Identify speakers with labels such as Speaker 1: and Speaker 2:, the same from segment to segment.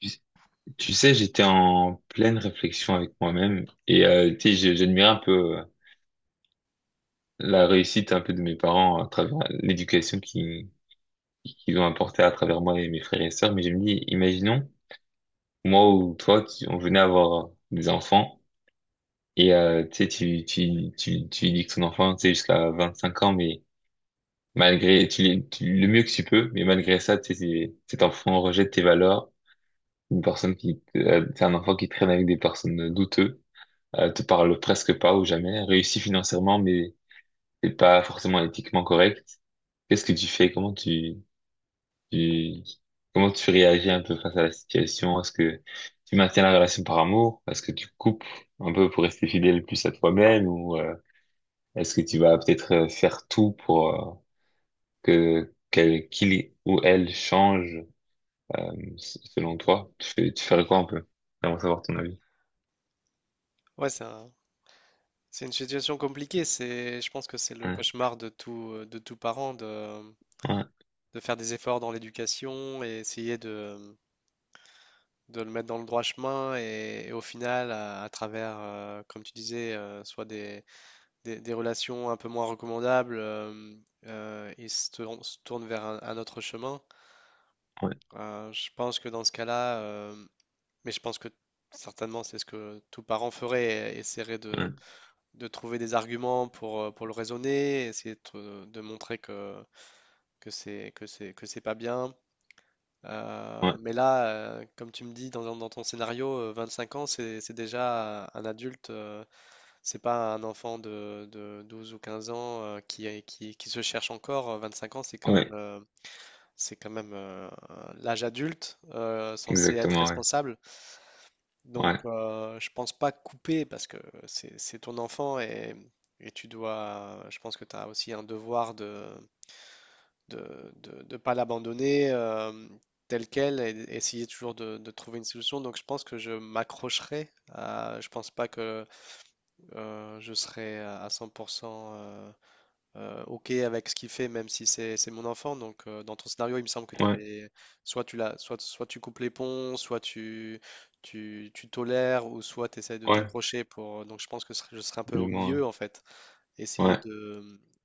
Speaker 1: Tu tu sais, j'étais en pleine réflexion avec moi-même et tu sais, j'admirais un peu la réussite un peu de mes parents à travers l'éducation qui qu'ils ont apportée à travers moi et mes frères et sœurs. Mais je me dis, imaginons moi ou toi, on venait avoir des enfants et tu sais, tu dis que ton enfant, tu sais, jusqu'à 25 ans, mais tu le mieux que tu peux, mais malgré ça, tu sais, cet enfant rejette tes valeurs. Une personne qui, c'est un enfant qui traîne avec des personnes douteuses. Te parle presque pas ou jamais, réussis financièrement, mais c'est pas forcément éthiquement correct. Qu'est-ce que tu fais? Tu, comment tu réagis un peu face à la situation? Est-ce que tu maintiens la relation par amour? Est-ce que tu coupes un peu pour rester fidèle plus à toi-même, ou est-ce que tu vas peut-être faire tout pour qu'il ou elle change euh, selon toi? Tu ferais quoi un peu? J'aimerais savoir ton avis.
Speaker 2: Ouais, c'est une situation compliquée. C'est, je pense que c'est le
Speaker 1: Ouais,
Speaker 2: cauchemar de tout parent de,
Speaker 1: ouais,
Speaker 2: de faire des efforts dans l'éducation et essayer de le mettre dans le droit chemin. Et au final, à travers, comme tu disais, soit des relations un peu moins recommandables, ils se tournent vers un autre chemin.
Speaker 1: ouais,
Speaker 2: Je pense que dans ce cas-là, mais je pense que certainement c'est ce que tout parent ferait, essaierait de
Speaker 1: ouais,
Speaker 2: trouver des arguments pour le raisonner, essayer de montrer que c'est pas bien.
Speaker 1: ouais,
Speaker 2: Mais là, comme tu me dis dans ton scénario, 5 ans, c'est déjà un adulte, c'est pas un enfant de 12 ou 15 ans , qui se cherche encore. Cinq ans,
Speaker 1: ouais,
Speaker 2: c'est quand même, l'âge adulte, censé être
Speaker 1: exactement, ouais,
Speaker 2: responsable. Donc,
Speaker 1: ouais.
Speaker 2: je pense pas couper parce que c'est ton enfant et tu dois, je pense que tu as aussi un devoir de pas l'abandonner, tel quel et essayer toujours de trouver une solution. Donc, je pense que je m'accrocherai à, je pense pas que je serai à 100% OK avec ce qu'il fait, même si c'est mon enfant. Donc, dans ton scénario, il me semble que tu
Speaker 1: Ouais.
Speaker 2: avais soit tu l'as, soit tu coupes les ponts, tu tolères, ou soit tu essaies de
Speaker 1: Ouais,
Speaker 2: t'accrocher pour. Donc, je pense que je serais un peu
Speaker 1: du
Speaker 2: au milieu
Speaker 1: moins.
Speaker 2: en fait. Essayer
Speaker 1: Ouais,
Speaker 2: de,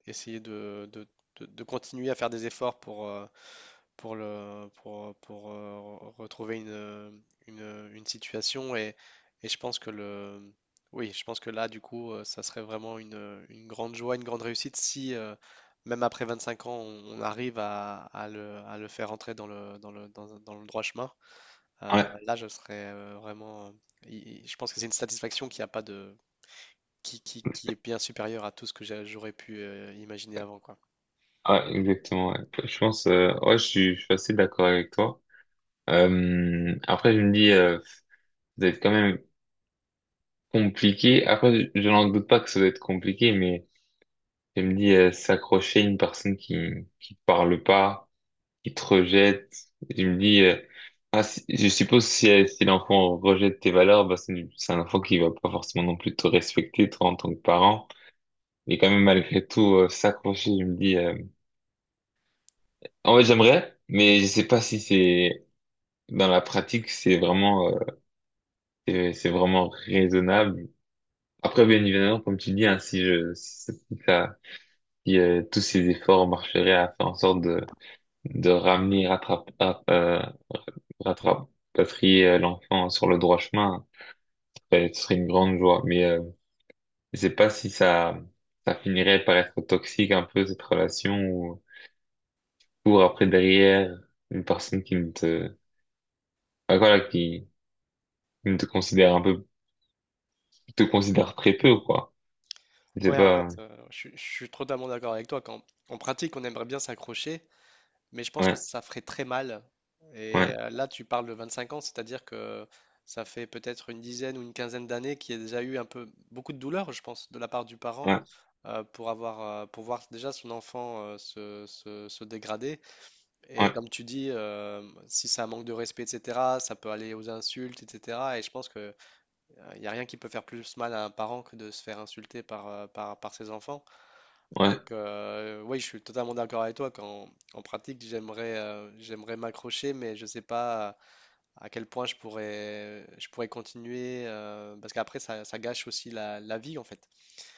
Speaker 2: essayer de, de- de continuer à faire des efforts pour, le, pour, re- retrouver une situation. Et je pense que oui, je pense que là, du coup, ça serait vraiment une grande joie, une grande réussite si, même après 25 ans, on arrive à, à le faire entrer dans le droit chemin.
Speaker 1: ouais,
Speaker 2: Là, je serais, vraiment. Je pense que c'est une satisfaction qui a pas de, qui est bien supérieur à tout ce que j'aurais pu imaginer avant, quoi.
Speaker 1: ouais, ouais, exactement. Ouais. Je pense, ouais, je suis assez d'accord avec toi. Après, je me dis, ça va être quand même compliqué. Après, je n'en doute pas que ça va être compliqué, mais je me dis, s'accrocher à une personne qui te parle pas, qui te rejette. Je me dis, je suppose si, si l'enfant rejette tes valeurs, bah, c'est un enfant qui va pas forcément non plus te respecter, toi, en tant que parent. Mais quand même, malgré tout, s'accrocher, je me dis. En fait, j'aimerais, mais je sais pas si c'est dans la pratique, c'est vraiment, c'est vraiment raisonnable. Après, bien évidemment, comme tu dis, hein, si ça, si, tous ces efforts marcheraient à faire en sorte de ramener, rattrape, rapatrier l'enfant sur le droit chemin, ben, ce serait une grande joie. Mais je sais pas si ça, ça finirait par être toxique un peu, cette relation, ou pour après derrière une personne qui ne te, ben, voilà, qui ne te considère un peu, te considères très peu, ou quoi. Je sais
Speaker 2: Ouais, en
Speaker 1: pas.
Speaker 2: fait, je suis totalement d'accord avec toi. Quand, en pratique, on aimerait bien s'accrocher, mais je pense que
Speaker 1: Ouais,
Speaker 2: ça ferait très mal. Et
Speaker 1: ouais,
Speaker 2: euh, là, tu parles de 25 ans, c'est-à-dire que ça fait peut-être une dizaine ou une quinzaine d'années qu'il y a déjà eu un peu beaucoup de douleur, je pense, de la part du parent
Speaker 1: ouais,
Speaker 2: euh, pour voir déjà son enfant, se dégrader. Et
Speaker 1: ouais,
Speaker 2: comme tu dis, si c'est un manque de respect, etc., ça peut aller aux insultes, etc. Et je pense que il n'y a rien qui peut faire plus mal à un parent que de se faire insulter par ses enfants.
Speaker 1: ouais,
Speaker 2: Donc, oui, je suis totalement d'accord avec toi. Quand, en pratique, j'aimerais m'accrocher, mais je ne sais pas, à quel point je pourrais continuer. Parce qu'après, ça gâche aussi la vie, en fait.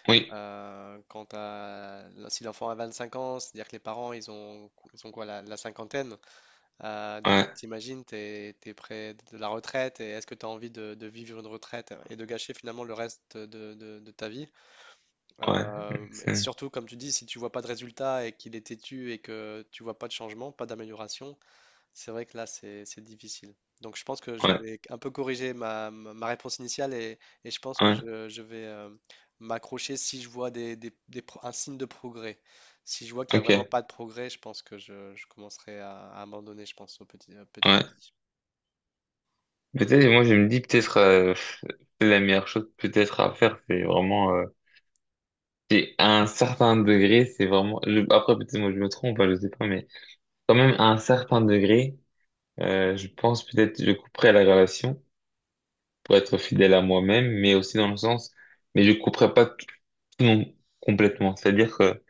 Speaker 1: oui,
Speaker 2: Euh, quand t'as- Si l'enfant a 25 ans, c'est-à-dire que les parents, ils ont quoi, la cinquantaine. Donc,
Speaker 1: ouais,
Speaker 2: t'imagines, t'es près de la retraite et est-ce que tu as envie de vivre une retraite et de gâcher finalement le reste de ta vie?
Speaker 1: ouais,
Speaker 2: Et
Speaker 1: c'est-
Speaker 2: surtout, comme tu dis, si tu vois pas de résultat et qu'il est têtu et que tu vois pas de changement, pas d'amélioration, c'est vrai que là, c'est difficile. Donc, je pense que je
Speaker 1: ouais,
Speaker 2: vais un peu corriger ma réponse initiale et je pense que
Speaker 1: ouais,
Speaker 2: je vais, m'accrocher si je vois un signe de progrès. Si je vois qu'il n'y a
Speaker 1: ok,
Speaker 2: vraiment pas de progrès, je pense que je commencerai à abandonner, je pense, petit à
Speaker 1: ouais.
Speaker 2: petit.
Speaker 1: Peut-être, moi, je me dis, peut-être, c'est la meilleure chose, peut-être, à faire, c'est vraiment, c'est à un certain degré, c'est vraiment, après, peut-être, moi, je me trompe, hein, je sais pas, mais quand même, à un certain degré, je pense, peut-être, je couperai la relation pour être fidèle à moi-même, mais aussi dans le sens, mais je couperai pas tout, tout non- complètement. C'est-à-dire que,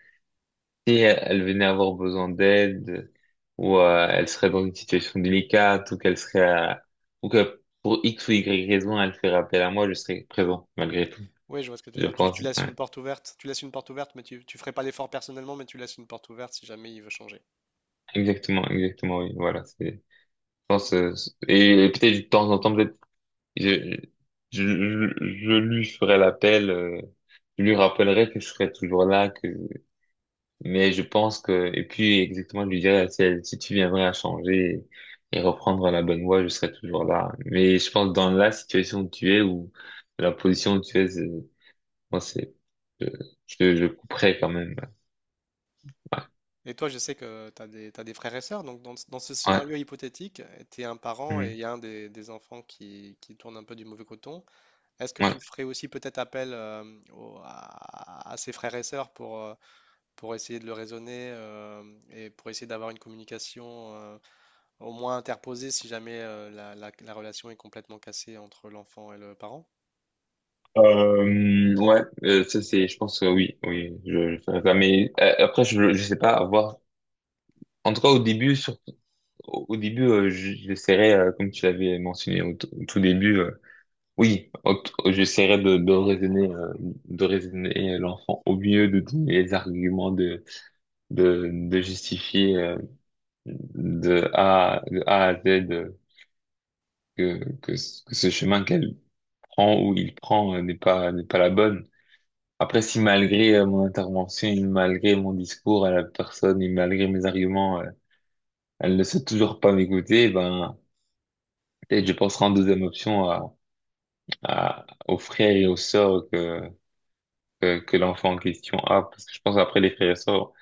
Speaker 1: si elle, venait avoir besoin d'aide, ou elle serait dans une situation délicate, ou qu'elle serait à- ou que pour X ou Y raison, elle ferait appel à moi, je serais présent, malgré tout.
Speaker 2: Oui, je vois ce que tu veux
Speaker 1: Je
Speaker 2: dire. Tu
Speaker 1: pense,
Speaker 2: laisses
Speaker 1: ouais.
Speaker 2: une porte ouverte, tu laisses une porte ouverte, mais tu ferais pas l'effort personnellement, mais tu laisses une porte ouverte si jamais il veut changer.
Speaker 1: Exactement, exactement, oui, voilà, c'est, pense, euh, et peut-être de temps en temps, peut-être, je, je lui ferai l'appel, je lui rappellerai que je serai toujours là, que mais je pense que, et puis exactement, je lui dirais, si tu viendrais à changer et reprendre la bonne voie, je serais toujours là. Mais je pense dans la situation où tu es, ou la position où tu es, c'est- moi, c'est, je, je couperais quand même. Ouais.
Speaker 2: Et toi, je sais que t'as des frères et sœurs, donc dans ce
Speaker 1: Ouais.
Speaker 2: scénario hypothétique, tu es un parent et il
Speaker 1: Mm.
Speaker 2: y a un des enfants qui tourne un peu du mauvais coton. Est-ce que tu
Speaker 1: Ouais.
Speaker 2: ferais aussi peut-être appel, à ses frères et sœurs pour essayer de le raisonner, et pour essayer d'avoir une communication, au moins interposée si jamais, la relation est complètement cassée entre l'enfant et le parent?
Speaker 1: Ouais, je pense que oui, oui, je ferais ça. Mais après, je sais pas, à voir. En tout cas, au début, sur, au début, j'essaierais, comme tu l'avais mentionné au, au tout début, oui, ok, j'essaierai de raisonner l'enfant au mieux, de donner les arguments, de justifier de A à Z que ce chemin qu'elle prend ou il prend n'est pas la bonne. Après, si malgré mon intervention, et malgré mon discours à la personne et malgré mes arguments, elle ne sait toujours pas m'écouter, ben, peut-être je penserai en deuxième option à, aux frères et aux sœurs que l'enfant en question a, parce que je pense après les frères et sœurs,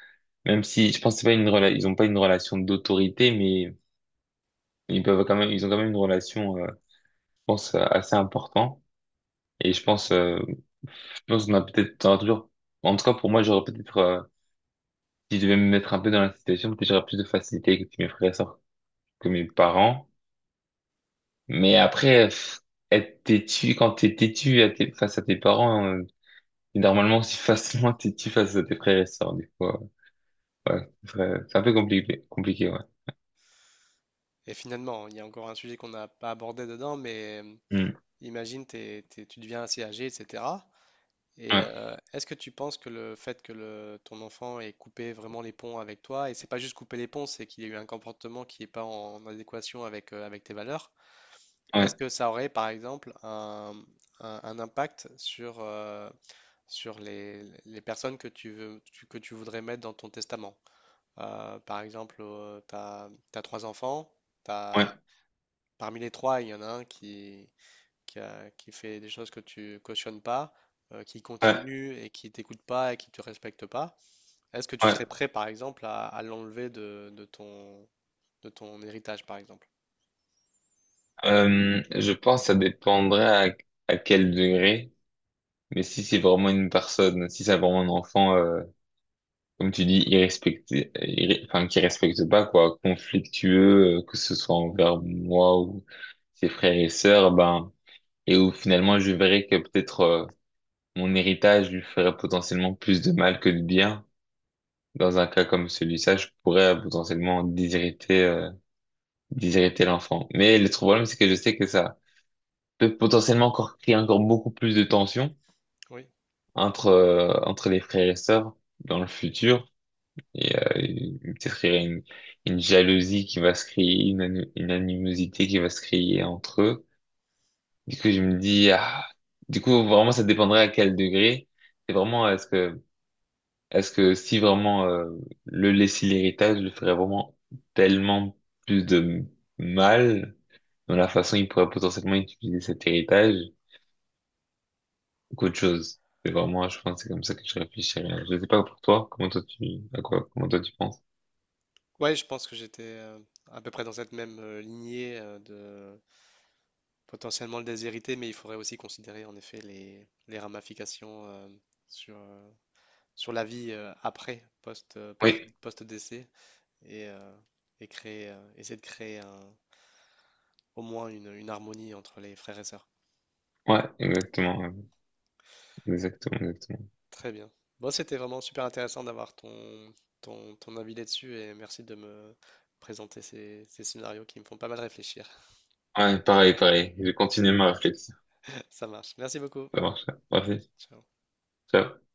Speaker 1: même si je pense que c'est pas une rela- ils ont pas une relation d'autorité, mais ils peuvent quand même, ils ont quand même une relation, je pense, assez importante. Et je pense qu'on a peut-être, t'auras toujours, en tout cas pour moi, j'aurais peut-être, si je devais me mettre un peu dans la situation, peut-être j'aurais plus de facilité avec mes frères et sœurs que mes parents. Mais après, pff, être têtu, quand t'es têtu à face à tes parents, t'es normalement, si facilement têtu face à tes frères et sœurs, des fois, ouais, c'est vrai, c'est un peu compliqué, compliqué, ouais.
Speaker 2: Et finalement, il y a encore un sujet qu'on n'a pas abordé dedans, mais,
Speaker 1: Hmm.
Speaker 2: imagine, tu deviens assez âgé, etc. Et
Speaker 1: Ouais,
Speaker 2: euh, est-ce que tu penses que le fait que ton enfant ait coupé vraiment les ponts avec toi, et c'est pas juste couper les ponts, c'est qu'il y a eu un comportement qui n'est pas en adéquation avec, avec tes valeurs, est-ce
Speaker 1: ouais,
Speaker 2: que ça aurait par exemple un impact sur, sur les personnes que que tu voudrais mettre dans ton testament? Par exemple, tu as, trois enfants,
Speaker 1: ouais,
Speaker 2: t'as- parmi les trois, il y en a un qui fait des choses que tu cautionnes pas, qui
Speaker 1: ouais,
Speaker 2: continue et qui t'écoute pas et qui te respecte pas, est-ce que tu
Speaker 1: ouais.
Speaker 2: serais prêt, par exemple, à l'enlever de ton héritage, par exemple?
Speaker 1: Je pense que ça dépendrait à, à quel degré, mais si c'est vraiment une personne, si c'est vraiment un enfant, comme tu dis, enfin, qui respecte pas, quoi, conflictueux, que ce soit envers moi ou ses frères et sœurs, ben, et où finalement je verrais que peut-être mon héritage lui ferait potentiellement plus de mal que de bien. Dans un cas comme celui-là, je pourrais potentiellement déshériter l'enfant. Mais le problème, c'est que je sais que ça peut potentiellement encore créer encore beaucoup plus de tensions
Speaker 2: Oui.
Speaker 1: entre, entre les frères et sœurs dans le futur. Et peut-être qu'il y a une jalousie qui va se créer, une animosité qui va se créer entre eux. Du coup, je me dis, ah, du coup, vraiment, ça dépendrait à quel degré. C'est vraiment, est-ce que si vraiment le laisser l'héritage, le ferait vraiment tellement plus de mal dans la façon il pourrait potentiellement utiliser cet héritage qu'autre chose. C'est vraiment, je pense, c'est comme ça que je réfléchirais. Je sais pas pour toi, comment toi tu penses?
Speaker 2: Ouais, je pense que j'étais, à peu près dans cette même, lignée, de potentiellement le déshériter, mais il faudrait aussi considérer en effet les ramifications, sur, sur la vie, après,
Speaker 1: Oui,
Speaker 2: post-décès, et, euh, et créer, essayer de créer un, au moins une harmonie entre les frères et sœurs.
Speaker 1: ouais, exactement, ouais. Exactement, exactement.
Speaker 2: Très bien. Bon, c'était vraiment super intéressant d'avoir ton avis là-dessus et merci de me présenter ces scénarios qui me font pas mal réfléchir.
Speaker 1: Ouais, pareil, pareil. Je continue ma réflexion.
Speaker 2: Ça marche. Merci beaucoup.
Speaker 1: Ça marche, ouais. Parfait.
Speaker 2: Ciao.
Speaker 1: Ciao.